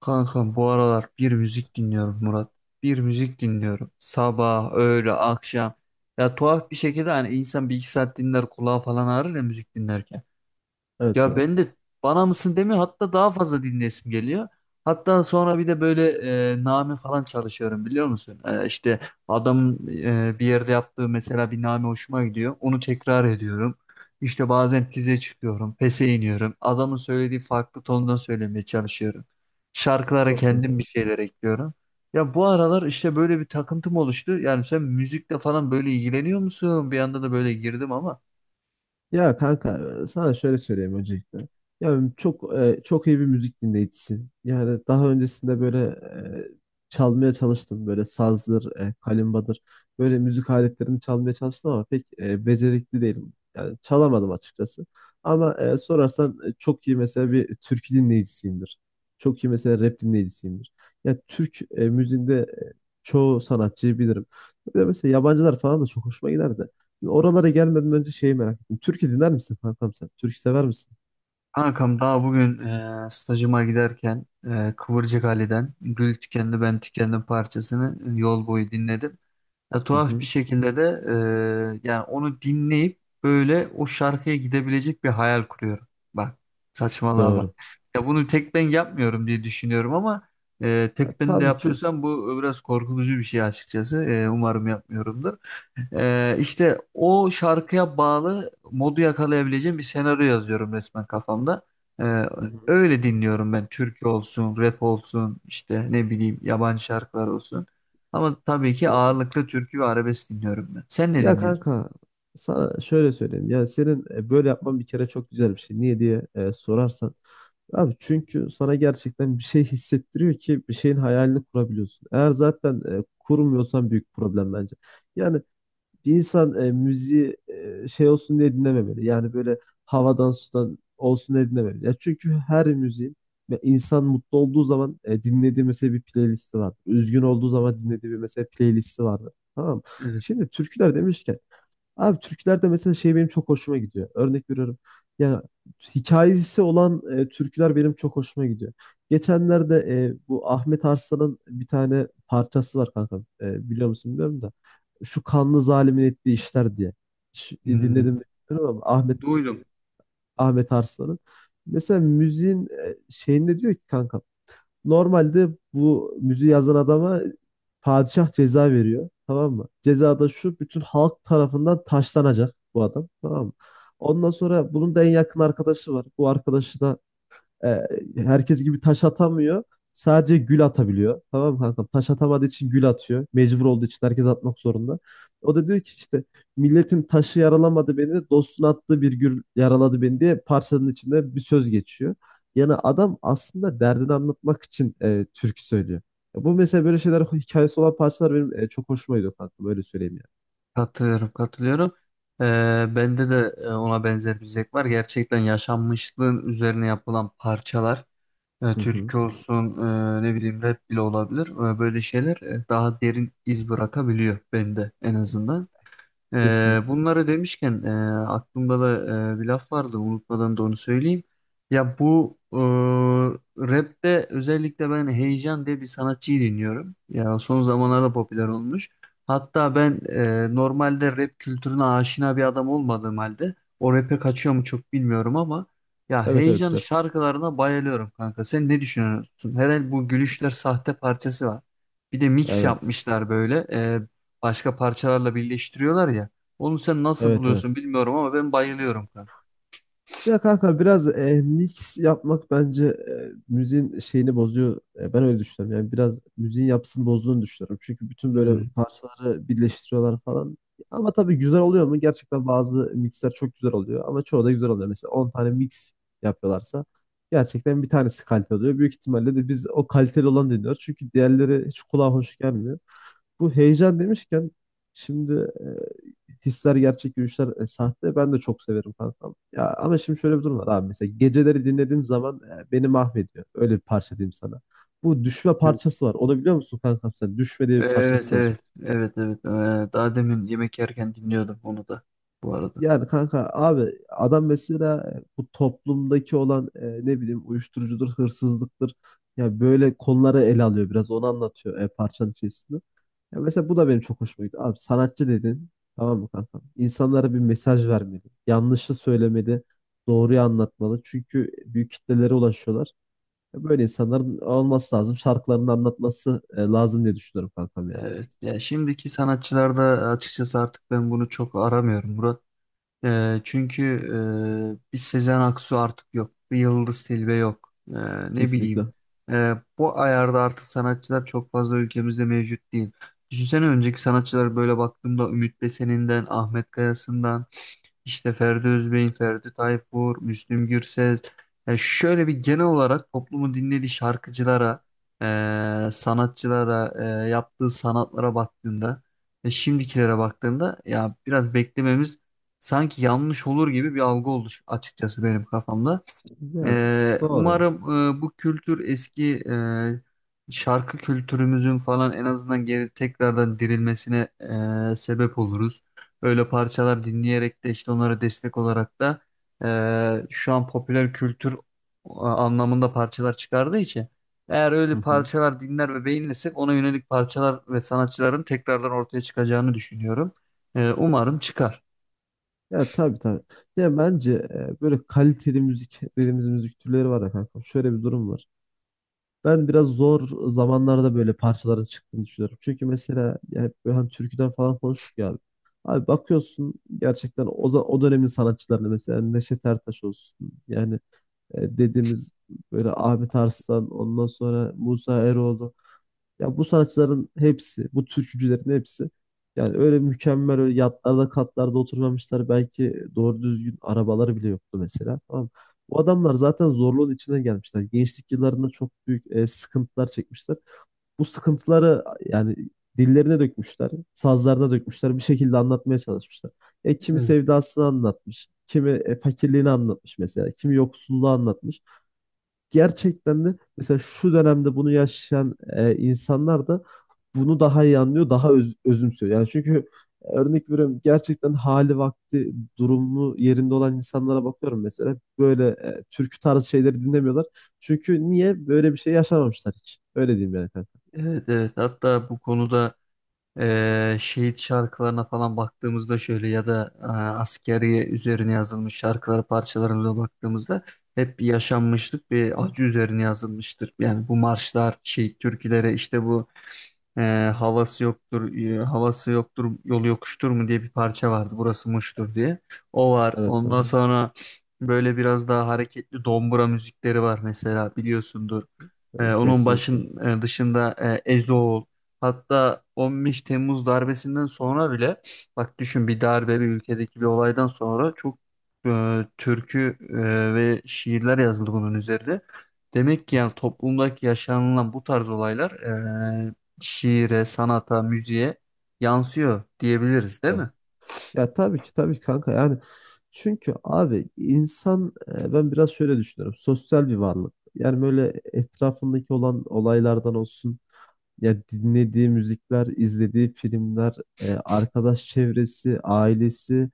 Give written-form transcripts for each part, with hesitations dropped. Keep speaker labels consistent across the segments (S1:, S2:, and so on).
S1: Kanka bu aralar bir müzik dinliyorum Murat. Bir müzik dinliyorum. Sabah, öğle, akşam. Ya tuhaf bir şekilde hani insan bir iki saat dinler kulağı falan ağrır ya müzik dinlerken.
S2: Evet
S1: Ya
S2: kanka.
S1: ben de bana mısın demiyor, hatta daha fazla dinlesim geliyor. Hatta sonra bir de böyle name falan çalışıyorum biliyor musun? İşte adam bir yerde yaptığı mesela bir name hoşuma gidiyor. Onu tekrar ediyorum. İşte bazen tize çıkıyorum, pese iniyorum. Adamın söylediği farklı tonda söylemeye çalışıyorum. Şarkılara
S2: Çok iyi.
S1: kendim bir şeyler ekliyorum. Ya bu aralar işte böyle bir takıntım oluştu. Yani sen müzikle falan böyle ilgileniyor musun? Bir anda da böyle girdim ama.
S2: Ya kanka, sana şöyle söyleyeyim öncelikle. Yani çok çok iyi bir müzik dinleyicisin. Yani daha öncesinde böyle e, çalmaya çalıştım. Böyle sazdır, kalimbadır. Böyle müzik aletlerini çalmaya çalıştım ama pek becerikli değilim. Yani çalamadım açıkçası. Ama sorarsan çok iyi mesela bir türkü dinleyicisiyimdir. Çok iyi mesela rap dinleyicisiyimdir. Ya Türk müziğinde çoğu sanatçıyı bilirim. Bir de mesela yabancılar falan da çok hoşuma giderdi. Oralara gelmeden önce şeyi merak ettim. Türkü dinler misin kankam sen? Türkü sever misin?
S1: Kankam daha bugün stajıma giderken Kıvırcık Ali'den Gül Tükendi Ben Tükendim parçasını yol boyu dinledim. Ya,
S2: Hı
S1: tuhaf bir
S2: hı.
S1: şekilde de yani onu dinleyip böyle o şarkıya gidebilecek bir hayal kuruyorum. Bak saçmalığa bak.
S2: Doğru.
S1: Ya bunu tek ben yapmıyorum diye düşünüyorum ama
S2: Ya,
S1: tek ben de
S2: tabii ki.
S1: yapıyorsam bu biraz korkutucu bir şey açıkçası. Umarım yapmıyorumdur. İşte o şarkıya bağlı modu yakalayabileceğim bir senaryo yazıyorum resmen kafamda. Ee,
S2: Hı hı.
S1: Öyle dinliyorum ben. Türkü olsun, rap olsun, işte ne bileyim yabancı şarkılar olsun. Ama tabii ki ağırlıklı türkü ve arabesk dinliyorum ben. Sen ne
S2: Ya
S1: dinliyorsun?
S2: kanka, sana şöyle söyleyeyim. Yani senin böyle yapman bir kere çok güzel bir şey. Niye diye sorarsan. Abi çünkü sana gerçekten bir şey hissettiriyor ki bir şeyin hayalini kurabiliyorsun. Eğer zaten kurmuyorsan büyük problem bence. Yani bir insan müziği şey olsun diye dinlememeli. Yani böyle havadan sudan olsun diye dinlememeli. Ya çünkü her müziğin ve insan mutlu olduğu zaman dinlediği mesela bir playlisti vardır. Üzgün olduğu zaman dinlediği bir mesela playlisti vardır. Tamam mı?
S1: Evet.
S2: Şimdi türküler demişken, abi türkülerde mesela şey benim çok hoşuma gidiyor. Örnek veriyorum. Yani hikayesi olan türküler benim çok hoşuma gidiyor. Geçenlerde bu Ahmet Arslan'ın bir tane parçası var kanka. E, biliyor musun bilmiyorum da. Şu kanlı zalimin ettiği işler diye.
S1: Hmm,
S2: Dinledim mi bilmiyorum ama Ahmet
S1: duydum.
S2: Ahmet Arslan'ın. Mesela müziğin şeyinde diyor ki kanka, normalde bu müziği yazan adama padişah ceza veriyor. Tamam mı? Ceza da şu: bütün halk tarafından taşlanacak bu adam. Tamam mı? Ondan sonra bunun da en yakın arkadaşı var. Bu arkadaşı da e, herkes gibi taş atamıyor. Sadece gül atabiliyor. Tamam mı kankam? Taş atamadığı için gül atıyor. Mecbur olduğu için herkes atmak zorunda. O da diyor ki işte milletin taşı yaralamadı beni, dostun attığı bir gül yaraladı beni diye parçanın içinde bir söz geçiyor. Yani adam aslında derdini anlatmak için türkü söylüyor. Ya bu mesela böyle şeyler, hikayesi olan parçalar benim çok hoşuma gidiyor kankam. Öyle söyleyeyim
S1: Katılıyorum, katılıyorum. Ee, Bende de ona benzer bir zevk var. Gerçekten yaşanmışlığın üzerine yapılan parçalar.
S2: yani. Hı hı.
S1: Türkü olsun, ne bileyim rap bile olabilir. Böyle şeyler daha derin iz bırakabiliyor bende en azından.
S2: Kesinlikle.
S1: Bunları demişken aklımda da bir laf vardı, unutmadan da onu söyleyeyim. Ya bu rapte özellikle ben Heyecan diye bir sanatçıyı dinliyorum. Ya son zamanlarda popüler olmuş. Hatta ben normalde rap kültürüne aşina bir adam olmadığım halde o rap'e kaçıyor mu çok bilmiyorum ama ya
S2: Evet evet,
S1: Heyecan'ın
S2: rap.
S1: şarkılarına bayılıyorum kanka. Sen ne düşünüyorsun? Herhalde bu Gülüşler Sahte parçası var. Bir de mix
S2: Evet.
S1: yapmışlar böyle, başka parçalarla birleştiriyorlar ya. Onu sen nasıl
S2: Evet
S1: buluyorsun
S2: evet.
S1: bilmiyorum ama ben bayılıyorum kanka.
S2: Ya kanka, biraz mix yapmak bence müziğin şeyini bozuyor. E, ben öyle düşünüyorum. Yani biraz müziğin yapısını bozduğunu düşünüyorum. Çünkü bütün böyle
S1: Hmm.
S2: parçaları birleştiriyorlar falan. Ama tabii güzel oluyor mu? Gerçekten bazı mixler çok güzel oluyor. Ama çoğu da güzel oluyor. Mesela 10 tane mix yapıyorlarsa gerçekten bir tanesi kaliteli oluyor. Büyük ihtimalle de biz o kaliteli olanı dinliyoruz. Çünkü diğerleri hiç kulağa hoş gelmiyor. Bu heyecan demişken şimdi, e, hisler gerçek, gülüşler sahte. Ben de çok severim kankam. Ya ama şimdi şöyle bir durum var abi. Mesela geceleri dinlediğim zaman beni mahvediyor. Öyle bir parça diyeyim sana. Bu düşme parçası var. Onu biliyor musun kankam sen? Düşme diye bir
S1: Evet,
S2: parçası var.
S1: evet, evet, evet. Daha demin yemek yerken dinliyordum onu da bu arada.
S2: Yani kanka, abi adam mesela bu toplumdaki olan ne bileyim uyuşturucudur, hırsızlıktır. Ya böyle konuları ele alıyor, biraz onu anlatıyor parçanın içerisinde. Ya mesela bu da benim çok hoşuma gitti. Abi sanatçı dedin. Tamam mı kanka? İnsanlara bir mesaj vermeli. Yanlışı söylemeli. Doğruyu anlatmalı. Çünkü büyük kitlelere ulaşıyorlar. Ya böyle insanların olması lazım. Şarkılarını anlatması lazım diye düşünüyorum kankam yani.
S1: Evet ya, şimdiki sanatçılarda açıkçası artık ben bunu çok aramıyorum Murat. Çünkü bir Sezen Aksu artık yok. Bir Yıldız Tilbe yok. Ne bileyim.
S2: Kesinlikle.
S1: Bu ayarda artık sanatçılar çok fazla ülkemizde mevcut değil. Düşünsene önceki sanatçılara böyle baktığımda Ümit Besen'inden, Ahmet Kayası'ndan, işte Ferdi Özbey'in, Ferdi Tayfur, Müslüm Gürses. Yani şöyle bir genel olarak toplumun dinlediği şarkıcılara, sanatçılara, yaptığı sanatlara baktığında ve şimdikilere baktığında, ya biraz beklememiz sanki yanlış olur gibi bir algı oldu açıkçası benim kafamda.
S2: Ya doğru.
S1: Umarım bu kültür eski şarkı kültürümüzün falan en azından geri tekrardan dirilmesine sebep oluruz. Öyle parçalar dinleyerek de işte onlara destek olarak da şu an popüler kültür anlamında parçalar çıkardığı için eğer öyle
S2: Hı hı.
S1: parçalar dinler ve beğenirsek ona yönelik parçalar ve sanatçıların tekrardan ortaya çıkacağını düşünüyorum. Umarım çıkar.
S2: Ya tabii tabii. Ya bence böyle kaliteli müzik dediğimiz müzik türleri var ya kanka. Şöyle bir durum var. Ben biraz zor zamanlarda böyle parçaların çıktığını düşünüyorum. Çünkü mesela yani hep böyle hani türküden falan konuştuk ya abi. Abi bakıyorsun gerçekten o dönemin sanatçılarını mesela Neşet Ertaş olsun. Yani dediğimiz böyle Ahmet Arslan, ondan sonra Musa Eroğlu. Ya bu sanatçıların hepsi, bu türkücülerin hepsi yani öyle mükemmel, öyle yatlarda katlarda oturmamışlar. Belki doğru düzgün arabaları bile yoktu mesela. Tamam mı? Bu adamlar zaten zorluğun içine gelmişler. Gençlik yıllarında çok büyük sıkıntılar çekmişler, bu sıkıntıları yani dillerine dökmüşler, sazlarına dökmüşler, bir şekilde anlatmaya çalışmışlar. E, kimi
S1: Evet.
S2: sevdasını anlatmış, kimi fakirliğini anlatmış mesela, kimi yoksulluğu anlatmış. Gerçekten de mesela şu dönemde bunu yaşayan insanlar da bunu daha iyi anlıyor, daha özümsüyor. Yani çünkü örnek veriyorum gerçekten hali vakti, durumu yerinde olan insanlara bakıyorum mesela, böyle türkü tarzı şeyleri dinlemiyorlar. Çünkü niye, böyle bir şey yaşamamışlar hiç. Öyle diyeyim yani kanka.
S1: Evet, evet, hatta bu konuda şehit şarkılarına falan baktığımızda şöyle ya da askeri üzerine yazılmış şarkılara parçalarımıza baktığımızda hep bir yaşanmışlık, bir acı üzerine yazılmıştır. Yani bu marşlar, şehit türküleri, işte bu e, havası yoktur, havası yoktur, yolu yokuştur mu diye bir parça vardı. Burası Muş'tur diye. O var.
S2: Evet
S1: Ondan
S2: kanka.
S1: sonra böyle biraz daha hareketli dombura müzikleri var mesela, biliyorsundur.
S2: E,
S1: Onun
S2: kesinlikle.
S1: dışında, Ezoğul. Hatta 15 Temmuz darbesinden sonra bile, bak düşün, bir darbe, bir ülkedeki bir olaydan sonra çok türkü ve şiirler yazıldı bunun üzerinde. Demek ki yani
S2: Kesinlikle.
S1: toplumdaki yaşanılan bu tarz olaylar e, şiire, sanata, müziğe yansıyor diyebiliriz değil
S2: Ya,
S1: mi?
S2: ya tabii ki tabii ki kanka yani, çünkü abi insan, ben biraz şöyle düşünüyorum, sosyal bir varlık. Yani böyle etrafındaki olan olaylardan olsun, ya dinlediği müzikler, izlediği filmler, arkadaş çevresi, ailesi,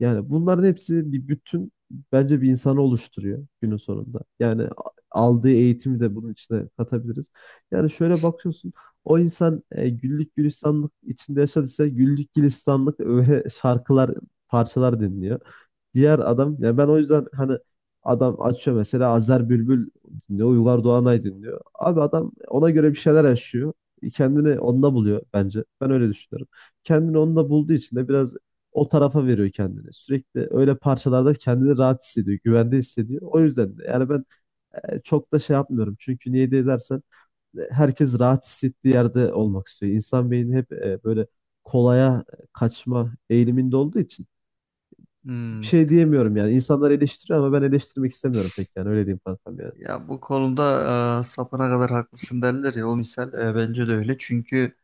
S2: yani bunların hepsi bir bütün bence, bir insanı oluşturuyor günün sonunda. Yani aldığı eğitimi de bunun içine katabiliriz. Yani şöyle bakıyorsun, o insan güllük gülistanlık içinde yaşadıysa güllük gülistanlık öyle şarkılar, parçalar dinliyor. Diğer adam yani, ben o yüzden hani, adam açıyor mesela Azer Bülbül dinliyor, Uygar Doğanay dinliyor. Abi adam ona göre bir şeyler yaşıyor. Kendini onda buluyor bence. Ben öyle düşünüyorum. Kendini onda bulduğu için de biraz o tarafa veriyor kendini. Sürekli öyle parçalarda kendini rahat hissediyor, güvende hissediyor. O yüzden de yani ben çok da şey yapmıyorum. Çünkü niye diye dersen herkes rahat hissettiği yerde olmak istiyor. İnsan beyni hep böyle kolaya kaçma eğiliminde olduğu için bir
S1: Hmm.
S2: şey diyemiyorum yani. İnsanlar eleştiriyor ama ben eleştirmek istemiyorum pek yani. Öyle diyeyim kankam yani.
S1: Ya bu konuda sapına kadar haklısın derler ya, o misal bence de öyle. Çünkü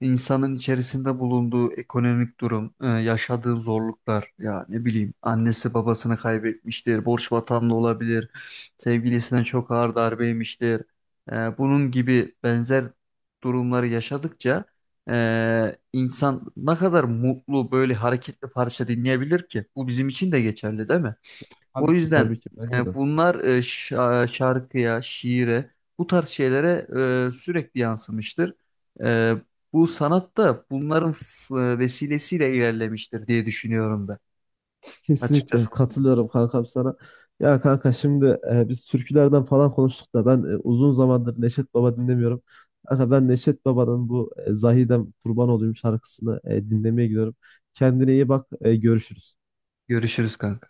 S1: İnsanın içerisinde bulunduğu ekonomik durum, yaşadığı zorluklar, ya ne bileyim annesi babasını kaybetmiştir, borç batağında olabilir, sevgilisine çok ağır darbe yemiştir. Bunun gibi benzer durumları yaşadıkça insan ne kadar mutlu böyle hareketli parça dinleyebilir ki? Bu bizim için de geçerli değil mi? O
S2: Tabii ki.
S1: yüzden
S2: Tabii ki bence de.
S1: bunlar şarkıya, şiire, bu tarz şeylere sürekli yansımıştır. E, Bu sanat da bunların vesilesiyle ilerlemiştir diye düşünüyorum ben.
S2: Kesinlikle
S1: Açıkçası.
S2: katılıyorum kankam sana. Ya kanka şimdi biz türkülerden falan konuştuk da ben uzun zamandır Neşet Baba dinlemiyorum. Kanka ben Neşet Baba'nın bu Zahidem Kurban Olayım şarkısını dinlemeye gidiyorum. Kendine iyi bak, görüşürüz.
S1: Görüşürüz kanka.